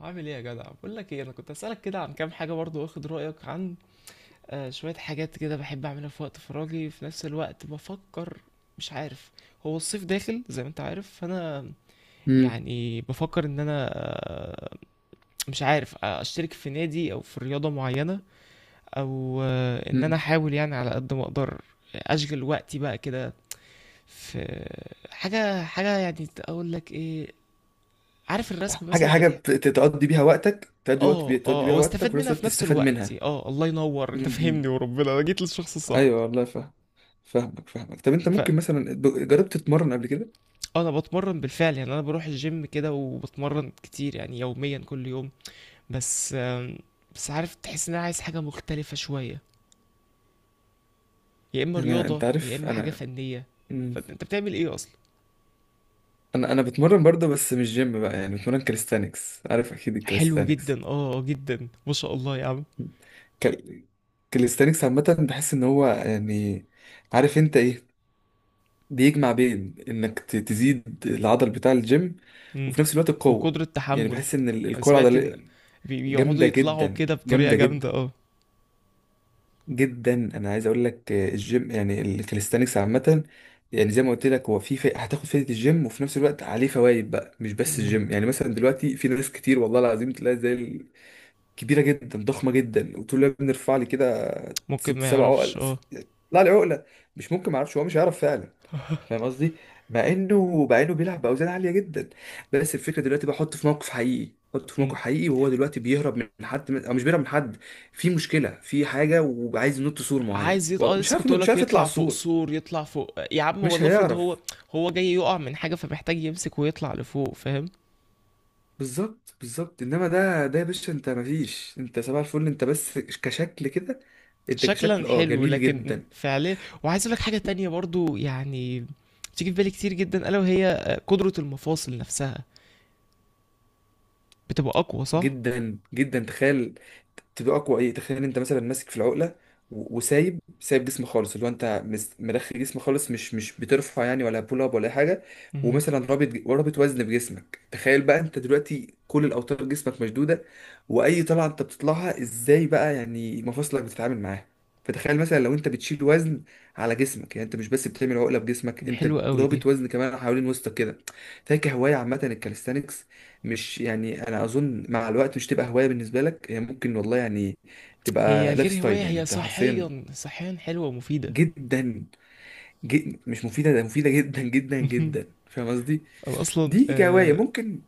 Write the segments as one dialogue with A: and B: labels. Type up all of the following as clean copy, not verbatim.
A: عامل ايه يا جدع؟ بقول لك ايه، انا كنت اسالك كده عن كام حاجه برضو، واخد رايك عن شويه حاجات كده بحب اعملها في وقت فراغي، في نفس الوقت بفكر. مش عارف. هو الصيف داخل زي ما انت عارف، فانا
B: امم
A: يعني بفكر ان انا مش عارف، اشترك في نادي او في رياضه معينه، او ان انا
B: امم
A: احاول يعني على قد ما اقدر اشغل وقتي بقى كده في حاجه. حاجه يعني اقول لك ايه، عارف الرسم مثلا انت.
B: تقضي بيها وقتك تقضي وقت
A: اه،
B: بي- تقضي
A: اه،
B: بيها وقتك
A: واستفاد
B: وفي نفس
A: منها
B: الوقت
A: في نفس
B: تستفاد
A: الوقت.
B: منها.
A: اه، الله ينور، انت فهمني
B: امم
A: وربنا، انا جيت للشخص الصح.
B: ايوه والله فاهم. فاهمك. طب انت
A: فانا
B: ممكن مثلا جربت تتمرن قبل كده؟
A: بتمرن بالفعل، يعني انا بروح الجيم كده وبتمرن كتير يعني، يوميا كل يوم. بس آم، بس عارف، تحس ان انا عايز حاجه مختلفه شويه، يا اما
B: انا
A: رياضه
B: انت
A: يا
B: عارف
A: اما حاجه
B: انا
A: فنيه.
B: مم.
A: فانت بتعمل ايه اصلا؟
B: انا بتمرن برضه، بس مش جيم بقى، يعني بتمرن كاليستانكس، عارف اكيد
A: حلو
B: الكاليستانكس.
A: جدا، اه، جدا، ما شاء الله يا عم.
B: كال... كاليستانكس عامه بحس ان هو يعني، عارف انت ايه، بيجمع بين انك تزيد العضل بتاع الجيم
A: امم.
B: وفي نفس الوقت القوه.
A: وقدره
B: يعني
A: تحمل.
B: بحس ان
A: انا
B: القوه
A: سمعت ان
B: العضليه
A: بيقعدوا
B: جامدة
A: يطلعوا
B: جدا،
A: كده بطريقه
B: جامدة جدا
A: جامده، اه.
B: جدا. انا عايز اقول لك، الجيم يعني الكاليستانكس عامة، يعني زي ما قلت لك هو هتاخد فايدة الجيم وفي نفس الوقت عليه فوائد بقى، مش بس
A: مم.
B: الجيم. يعني مثلا دلوقتي في ناس كتير والله العظيم تلاقي زي كبيرة جدا، ضخمة جدا، وتقول لها بنرفع لي كده
A: ممكن
B: ست
A: ما
B: سبع
A: يعرفش،
B: عقل،
A: اه.
B: طلع لي عقله، مش ممكن ما اعرفش، هو مش هيعرف فعلا. فاهم قصدي؟ مع انه، مع انه بيلعب باوزان عاليه جدا. بس الفكره دلوقتي بحط في موقف حقيقي، حط في موقف
A: مم.
B: حقيقي وهو دلوقتي بيهرب من حد او مش بيهرب من حد، في مشكله، في حاجه وعايز ينط سور معين،
A: اه،
B: والله مش
A: لسه
B: عارف،
A: كنت اقول
B: مش
A: لك
B: عارف يطلع
A: يطلع فوق
B: السور،
A: سور، يطلع فوق يا عم.
B: مش
A: هو افرض هو
B: هيعرف.
A: هو جاي يقع من حاجه، فمحتاج يمسك ويطلع لفوق، فاهم؟
B: بالظبط، بالظبط، انما ده يا باشا، انت مفيش، انت سبع الفل، انت بس كشكل كده. انت كشكل
A: شكلا
B: اه
A: حلو
B: جميل
A: لكن
B: جدا.
A: فعليا. وعايز اقول لك حاجه تانية برضو، يعني بتيجي في بالي كتير جدا، الا وهي قدره المفاصل نفسها بتبقى اقوى، صح؟
B: جدا جدا تخيل، تبقى اقوى ايه، تخيل انت مثلا ماسك في العقله وسايب جسم خالص، اللي هو انت مرخي جسم خالص، مش بترفع يعني، ولا بول اب ولا اي حاجه.
A: مهم.
B: ومثلا رابط رابط وزن بجسمك، تخيل بقى انت دلوقتي كل الاوتار جسمك مشدوده، واي طلعه انت بتطلعها ازاي بقى، يعني مفاصلك بتتعامل معاها. فتخيل مثلا لو انت بتشيل وزن على جسمك، يعني انت مش بس بتعمل عقله بجسمك،
A: دي
B: انت
A: حلوه قوي دي،
B: رابط وزن كمان حوالين وسطك كده. فاكر هوايه عامه الكاليستانكس، مش يعني، انا اظن مع الوقت مش تبقى هوايه بالنسبه لك، هي ممكن والله يعني
A: هي
B: تبقى لايف
A: غير هوايه،
B: ستايل، يعني
A: هي
B: انت حرفيا.
A: صحيا، صحيا حلوه ومفيده.
B: جدا، مش مفيده، ده مفيده جدا جدا
A: مهم.
B: جدا. فاهم قصدي؟
A: انا اصلا
B: دي كهوايه ممكن.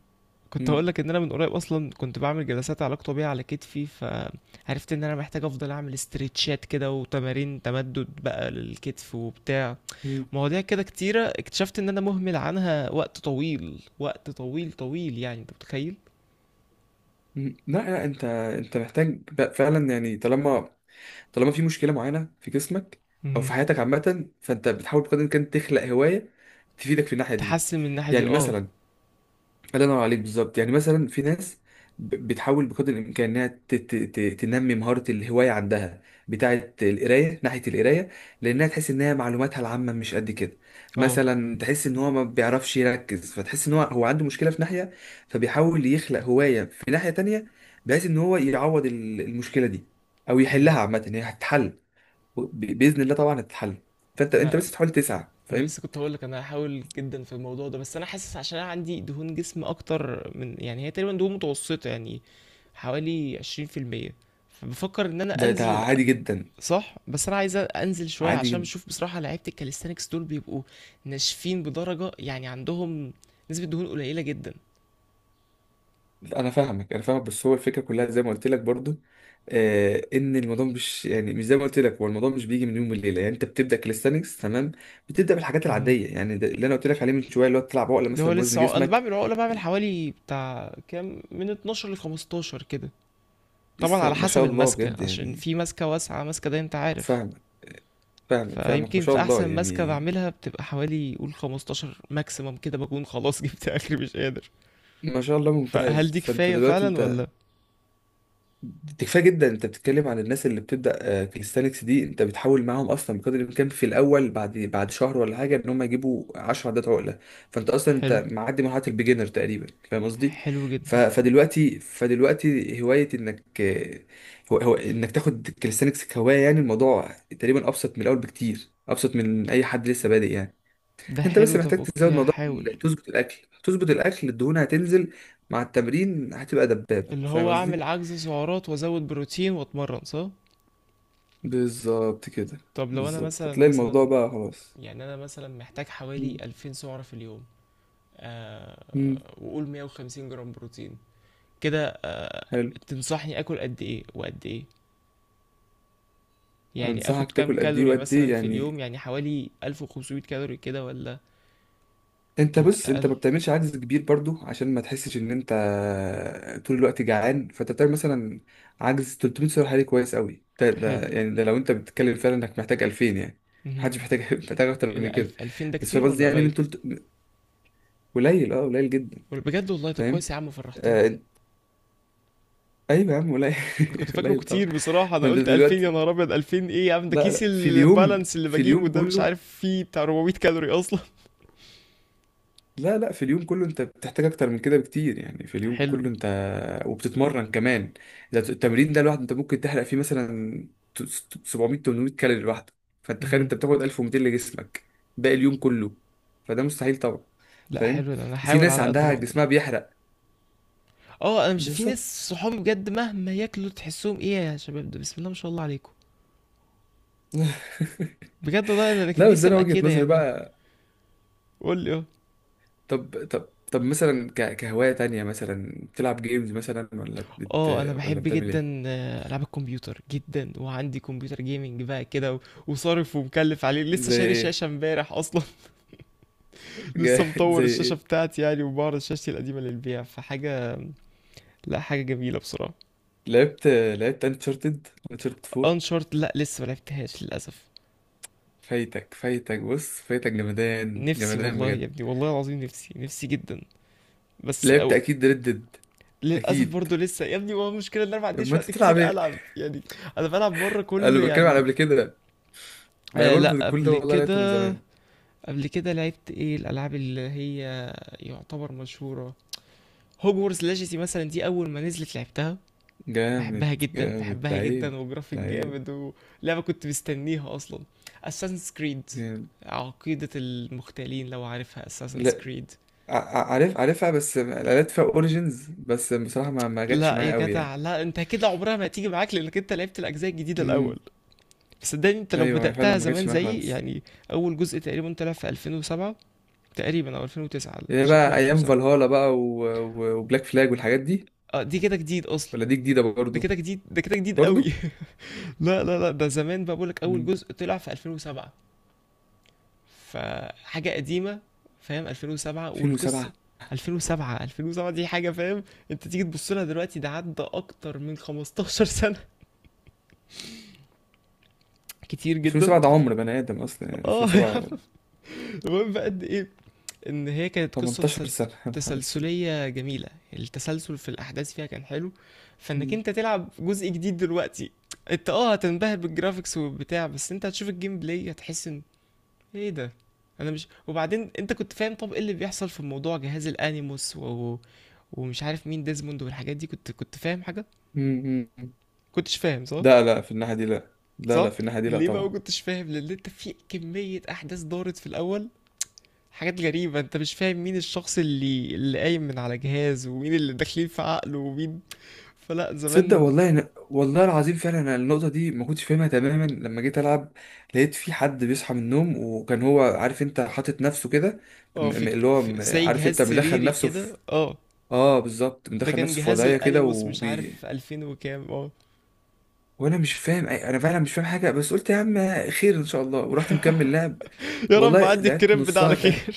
A: كنت
B: مم.
A: هقول لك ان انا من قريب اصلا كنت بعمل جلسات علاج طبيعي على كتفي، فعرفت ان انا محتاج افضل اعمل استرتشات كده وتمارين تمدد بقى للكتف وبتاع
B: مم.
A: مواضيع كده كتيرة، اكتشفت ان انا مهمل عنها وقت طويل، وقت طويل طويل، يعني انت متخيل؟
B: مم. لا لا، انت محتاج فعلا يعني، طالما، طالما في مشكله معينه في جسمك او في
A: مهم.
B: حياتك عامه، فانت بتحاول بقدر الامكان تخلق هوايه تفيدك في الناحيه دي.
A: تحسن من الناحية دي،
B: يعني
A: اه.
B: مثلا، الله ينور عليك، بالظبط، يعني مثلا في ناس بتحاول بقدر الامكان انها تنمي مهاره الهوايه عندها، بتاعه القرايه، ناحيه القرايه، لانها تحس ان هي معلوماتها العامه مش قد كده.
A: اه.
B: مثلا تحس ان هو ما بيعرفش يركز، فتحس ان هو عنده مشكله في ناحيه، فبيحاول يخلق هوايه في ناحيه تانية بحيث ان هو يعوض المشكله دي او
A: مم.
B: يحلها. عامه هي هتتحل، باذن الله طبعا هتتحل، فانت،
A: انا
B: بس تحاول تسعى.
A: انا
B: فاهم؟
A: لسه كنت هقول لك، انا هحاول جدا في الموضوع ده، بس انا حاسس عشان انا عندي دهون جسم اكتر من، يعني هي تقريبا دهون متوسطة يعني، حوالي 20%. فبفكر ان انا
B: ده
A: انزل.
B: عادي جدا.
A: صح. بس انا عايز انزل شويه،
B: عادي
A: عشان
B: جدا.
A: بشوف بصراحه لعيبه الكاليستانكس دول بيبقوا ناشفين بدرجه يعني، عندهم نسبه دهون قليله جدا.
B: انا فاهمك انا فاهمك، بس هو الفكره كلها زي ما قلت لك برضو، ان الموضوع مش يعني، مش زي ما قلت لك، هو الموضوع مش بيجي من يوم وليله، يعني انت بتبدا كاليستانكس تمام، بتبدا بالحاجات
A: مهم.
B: العاديه، يعني ده اللي انا قلت لك عليه من شويه، اللي هو تلعب عقله
A: اللي هو
B: مثلا بوزن
A: لسه عق... انا
B: جسمك.
A: بعمل عقله، بعمل حوالي بتاع كام، من 12 ل 15 كده. طبعا
B: لسه
A: على
B: ما
A: حسب
B: شاء الله
A: الماسكه،
B: بجد
A: عشان
B: يعني.
A: في ماسكه واسعه، ماسكه ده انت عارف.
B: فاهمك فاهمك فاهمك، ما
A: فيمكن
B: شاء
A: في
B: الله
A: احسن ماسكه
B: يعني.
A: بعملها بتبقى حوالي قول 15 ماكسيمم كده، بكون خلاص جبت اخري مش قادر.
B: ما شاء الله،
A: فهل
B: ممتاز.
A: دي
B: فانت
A: كفايه
B: دلوقتي
A: فعلا
B: انت،
A: ولا؟
B: دي كفايه جدا. انت بتتكلم عن الناس اللي بتبدا، كاليستانكس دي انت بتحاول معاهم اصلا بقدر الامكان في الاول، بعد شهر ولا حاجه ان هم يجيبوا 10 عدات عقله. فانت اصلا
A: حلو،
B: انت معدي مرحله البيجنر تقريبا. فاهم قصدي؟
A: حلو
B: ف-
A: جدا.
B: فدلوقتي فدلوقتي هوايه انك، هو انك تاخد كاليستانكس كهوايه، يعني الموضوع تقريبا ابسط من الاول بكتير، ابسط من اي حد لسه بادئ يعني.
A: ده
B: انت بس
A: حلو، طب
B: محتاج تزود
A: اوكي
B: موضوع
A: هحاول.
B: تظبط الاكل، تظبط الاكل، الدهون هتنزل مع التمرين، هتبقى دبابه.
A: اللي
B: فاهم
A: هو اعمل
B: قصدي؟
A: عجز سعرات وازود بروتين واتمرن، صح؟
B: بالظبط كده.
A: طب لو انا
B: بالظبط
A: مثلا
B: هتلاقي الموضوع
A: مثلا
B: بقى خلاص.
A: يعني انا مثلا محتاج حوالي
B: مم.
A: 2000 سعرة في اليوم،
B: مم.
A: وقول 150 جرام بروتين كده،
B: حلو.
A: تنصحني اكل قد ايه وقد ايه؟ يعني اخد
B: انصحك
A: كام
B: تاكل قد ايه
A: كالوري
B: وقد
A: مثلا
B: ايه
A: في اليوم؟
B: يعني؟
A: يعني حوالي 1500 كالوري كده ولا
B: انت بص، انت
A: اقل؟
B: ما بتعملش عدد كبير برضو عشان ما تحسش ان انت طول الوقت جعان، فانت بتعمل مثلا عجز 300 سعر حراري، كويس قوي ده، ده
A: حلو.
B: يعني، ده لو انت بتتكلم فعلا انك محتاج 2000 يعني.
A: مهم.
B: محدش محتاج محتاج اكتر
A: ايه ده،
B: من كده.
A: 1000، 2000 ده
B: بس فاهم
A: كتير
B: قصدي،
A: ولا
B: يعني من
A: قليل؟
B: تلت، قليل اه، قليل جدا.
A: ولا بجد؟ والله ده
B: فاهم؟
A: كويس يا عم، فرحتني.
B: آه، ايوه يا عم، قليل
A: كنت فاكره
B: قليل طبعا.
A: كتير بصراحة، أنا
B: فانت
A: قلت 2000؟ يا
B: دلوقتي،
A: نهار أبيض. 2000 إيه يا عم؟ ده
B: لا
A: كيس
B: لا، في اليوم،
A: البالانس اللي
B: في
A: بجيبه
B: اليوم
A: ده مش
B: كله.
A: عارف فيه بتاع 400 كالوري أصلا.
B: لا لا، في اليوم كله انت بتحتاج اكتر من كده بكتير، يعني في اليوم
A: حلو.
B: كله انت وبتتمرن كمان. ده التمرين ده لوحده انت ممكن تحرق فيه مثلا 700 800 كالوري لوحده. فانت تخيل
A: مهم.
B: انت بتاخد 1200 لجسمك ده اليوم كله، فده مستحيل طبعا.
A: لا
B: فاهم؟
A: حلو ده، أنا
B: وفي
A: هحاول
B: ناس
A: على قد ما
B: عندها
A: أقدر.
B: جسمها بيحرق.
A: أه، أنا مش، في
B: بالظبط.
A: ناس صحابي بجد مهما ياكلوا تحسهم إيه يا شباب ده، بسم الله ما شاء الله عليكم. بجد والله أنا كان
B: لا بس
A: نفسي
B: انا
A: أبقى
B: وجهة
A: كده
B: نظري
A: يعني.
B: بقى.
A: قول لي أه.
B: طب طب طب مثلا كهواية تانية مثلا، بتلعب جيمز مثلا
A: اه انا
B: ولا
A: بحب
B: بتعمل
A: جدا
B: ايه؟
A: العاب الكمبيوتر جدا، وعندي كمبيوتر جيمنج بقى كده وصارف ومكلف عليه، لسه
B: زي
A: شاري شاشة
B: ايه؟
A: امبارح اصلا. لسه
B: جامد،
A: مطور
B: زي
A: الشاشة
B: ايه؟
A: بتاعتي يعني، وبعرض شاشتي القديمة للبيع، فحاجة. لا، حاجة جميلة بصراحة.
B: لعبت انشارتد، انشارتد 4؟
A: انشارت، لا لسه ما لعبتهاش للأسف.
B: فايتك، فايتك، بص فايتك، جمدان
A: نفسي
B: جمدان
A: والله يا
B: بجد.
A: ابني، والله العظيم، نفسي، نفسي جدا بس.
B: لعبت
A: أو
B: اكيد ريد ديد،
A: للأسف
B: اكيد.
A: برضه لسه يا ابني، ما هو المشكلة إن أنا ما عنديش
B: اما انت
A: وقت
B: تلعب
A: كتير
B: ايه؟
A: ألعب يعني. أنا بلعب مرة كل
B: انا بتكلم على
A: يعني،
B: قبل كده. ما انا
A: لا،
B: برضو كل ده
A: قبل
B: والله لعبته من
A: كده.
B: زمان.
A: قبل كده لعبت إيه الألعاب اللي هي يعتبر مشهورة؟ هوجورز ليجاسي مثلا، دي أول ما نزلت لعبتها،
B: جامد.
A: بحبها جدا،
B: جامد.
A: بحبها
B: لعيب،
A: جدا وجرافيك
B: لعيب.
A: جامد. ولعبة كنت مستنيها اصلا، Assassin's Creed،
B: جامد.
A: عقيدة المختالين لو عارفها، Assassin's
B: لا،
A: Creed.
B: عارف، عارفها بس لعبت فيها اوريجينز، بس بصراحه ما جاتش
A: لا يا
B: معايا قوي
A: جدع،
B: يعني.
A: لا انت كده عمرها ما هتيجي معاك، لانك انت لعبت الاجزاء الجديدة الاول.
B: امم
A: صدقني انت لو
B: ايوه، هي فعلا
A: بدأتها
B: ما
A: زمان
B: جاتش معايا
A: زيي
B: خالص.
A: يعني، اول جزء تقريبا طلع في 2007 تقريبا، او 2009،
B: هي
A: شكله
B: بقى ايام
A: 2007.
B: فالهالا بقى وبلاك فلاج والحاجات دي.
A: اه، دي كده جديد اصلا.
B: ولا دي جديدة
A: ده
B: برضو؟
A: كده جديد، ده كده جديد قوي
B: برضو.
A: لا لا لا، ده زمان بقى، بقولك اول
B: مم.
A: جزء طلع في 2007، فحاجة قديمة، فاهم؟ 2007 والقصة،
B: 2007،
A: 2007، 2007 دي حاجة فاهم. انت تيجي تبص لها دلوقتي، ده عدى اكتر من 15 سنة كتير جدا
B: 2007 ده
A: بس.
B: عمر بني آدم أصلا، يعني
A: اه يا عم،
B: 2007،
A: المهم بقى قد ايه، ان هي كانت
B: 18 سنة يا نهار أسود.
A: تسلسلية جميلة، التسلسل في الاحداث فيها كان حلو. فانك
B: مم.
A: انت تلعب جزء جديد دلوقتي، انت هتنبهر بالجرافيكس وبتاع، بس انت هتشوف الجيم بلاي هتحس ان ايه ده. انا مش، وبعدين انت كنت فاهم طب ايه اللي بيحصل في موضوع جهاز الانيموس ومش عارف مين ديزموند والحاجات دي، كنت فاهم حاجه،
B: مم. مم.
A: كنتش فاهم صح؟
B: لا لا، في الناحية دي لا. لا لا،
A: صح.
B: في الناحية دي لا
A: ليه بقى ما
B: طبعا.
A: كنتش فاهم؟ لان انت في كميه احداث دارت في الاول، حاجات غريبه، انت مش فاهم مين الشخص اللي قايم من على جهاز، ومين اللي داخلين في عقله، ومين، فلا
B: تصدق
A: زمان.
B: والله أنا، والله العظيم فعلا أنا النقطة دي ما كنتش فاهمها تماما لما جيت ألعب، لقيت في حد بيصحى من النوم وكان هو عارف أنت حاطط نفسه كده،
A: اه، في
B: اللي هو
A: في في زي
B: عارف
A: جهاز
B: أنت مدخل
A: سريري
B: نفسه في،
A: كده، اه،
B: آه بالظبط،
A: ده
B: مدخل
A: كان
B: نفسه في
A: جهاز
B: وضعية كده
A: الانيموس، مش عارف
B: وبي.
A: 2000 وكام، اه.
B: وانا مش فاهم انا فعلا مش فاهم حاجه، بس قلت يا عم خير ان شاء الله، ورحت مكمل لعب.
A: يا رب
B: والله
A: عدي
B: لعبت
A: الكريب ده على
B: نصها تاني.
A: خير.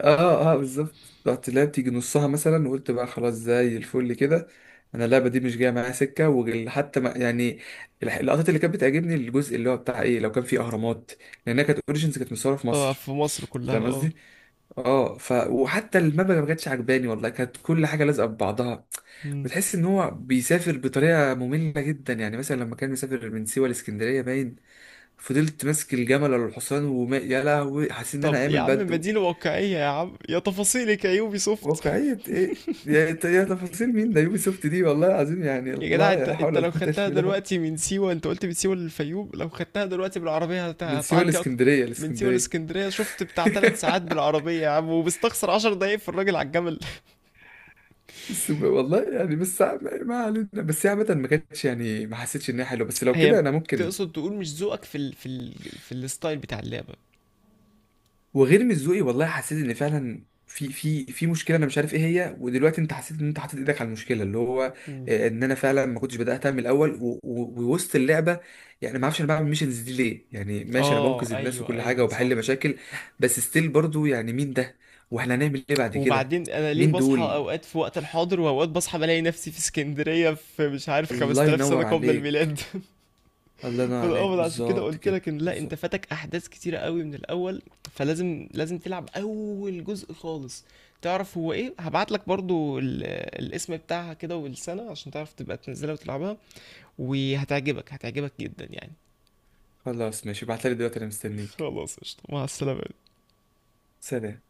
B: اه بالظبط، رحت لعبت يجي نصها مثلا وقلت بقى خلاص زي الفل كده. انا اللعبه دي مش جايه معايا سكه، وحتى ما يعني، اللقطات اللي كانت بتعجبني الجزء اللي هو بتاع ايه لو كان فيه اهرامات، لانها كانت اوريجينز كانت مصوره في
A: اه
B: مصر.
A: في مصر كلها،
B: فاهم
A: اه.
B: قصدي؟ اه، ف، وحتى المبنى ما كانتش عجباني والله، كانت كل حاجه لازقه في بعضها،
A: مم.
B: بتحس ان هو بيسافر بطريقه ممله جدا. يعني مثلا لما كان مسافر من سيوه لاسكندريه باين، فضلت ماسك الجمل ولا الحصان، وما يا لهوي حاسس ان
A: طب
B: انا
A: يا
B: عامل
A: عم،
B: بدو.
A: مدينة واقعية يا عم، يا تفاصيلك يا يوبي سوفت.
B: واقعيه ايه يا، تفاصيل مين ده، يوبي سوفت دي، والله العظيم يعني
A: يا جدع،
B: الله،
A: انت
B: لا حول
A: انت
B: ولا
A: لو
B: قوه الا
A: خدتها
B: بالله.
A: دلوقتي من سيوة، انت قلت من سيوة للفيوم، لو خدتها دلوقتي بالعربية
B: من سيوه
A: هتعدي، اكتر
B: لاسكندريه،
A: من سيوة
B: لاسكندريه.
A: لاسكندرية شفت، بتاع 3 ساعات بالعربية يا عم، وبستخسر 10 دقايق في الراجل على الجمل.
B: بس والله يعني، بس ما علينا، بس هي عامة ما كانتش يعني، ما حسيتش ان هي حلوه، بس لو
A: هي،
B: كده انا ممكن.
A: تقصد تقول مش ذوقك في في الستايل بتاع اللعبة.
B: وغير، مش والله حسيت ان فعلا في مشكله، انا مش عارف ايه هي، ودلوقتي انت حسيت ان انت حاطط ايدك على المشكله، اللي هو،
A: مم.
B: ان انا فعلا ما كنتش بداتها من الاول ووسط اللعبه، يعني ما اعرفش انا بعمل ميشنز دي ليه، يعني ماشي انا
A: اه
B: بنقذ الناس
A: ايوه
B: وكل حاجه
A: ايوه
B: وبحل
A: صح.
B: مشاكل، بس ستيل برضو، يعني مين ده؟ واحنا هنعمل ايه بعد كده؟
A: وبعدين انا ليه
B: مين
A: بصحى
B: دول؟
A: اوقات في وقت الحاضر، واوقات بصحى بلاقي نفسي في اسكندرية في، مش عارف،
B: الله
A: 5000 سنة
B: ينور
A: قبل
B: عليك.
A: الميلاد.
B: الله ينور عليك،
A: فالاول عشان كده
B: بالظبط
A: قلت
B: كده،
A: لك ان لا، انت
B: بالظبط.
A: فاتك احداث كتيرة قوي من الاول، فلازم لازم تلعب اول جزء خالص. تعرف هو ايه، هبعت لك برضو الاسم بتاعها كده والسنة، عشان تعرف تبقى تنزلها وتلعبها، وهتعجبك، هتعجبك جدا يعني.
B: خلاص ماشي، ابعتلي دلوقتي انا مستنيك.
A: خلاص قشطة، مع السلامة.
B: سلام.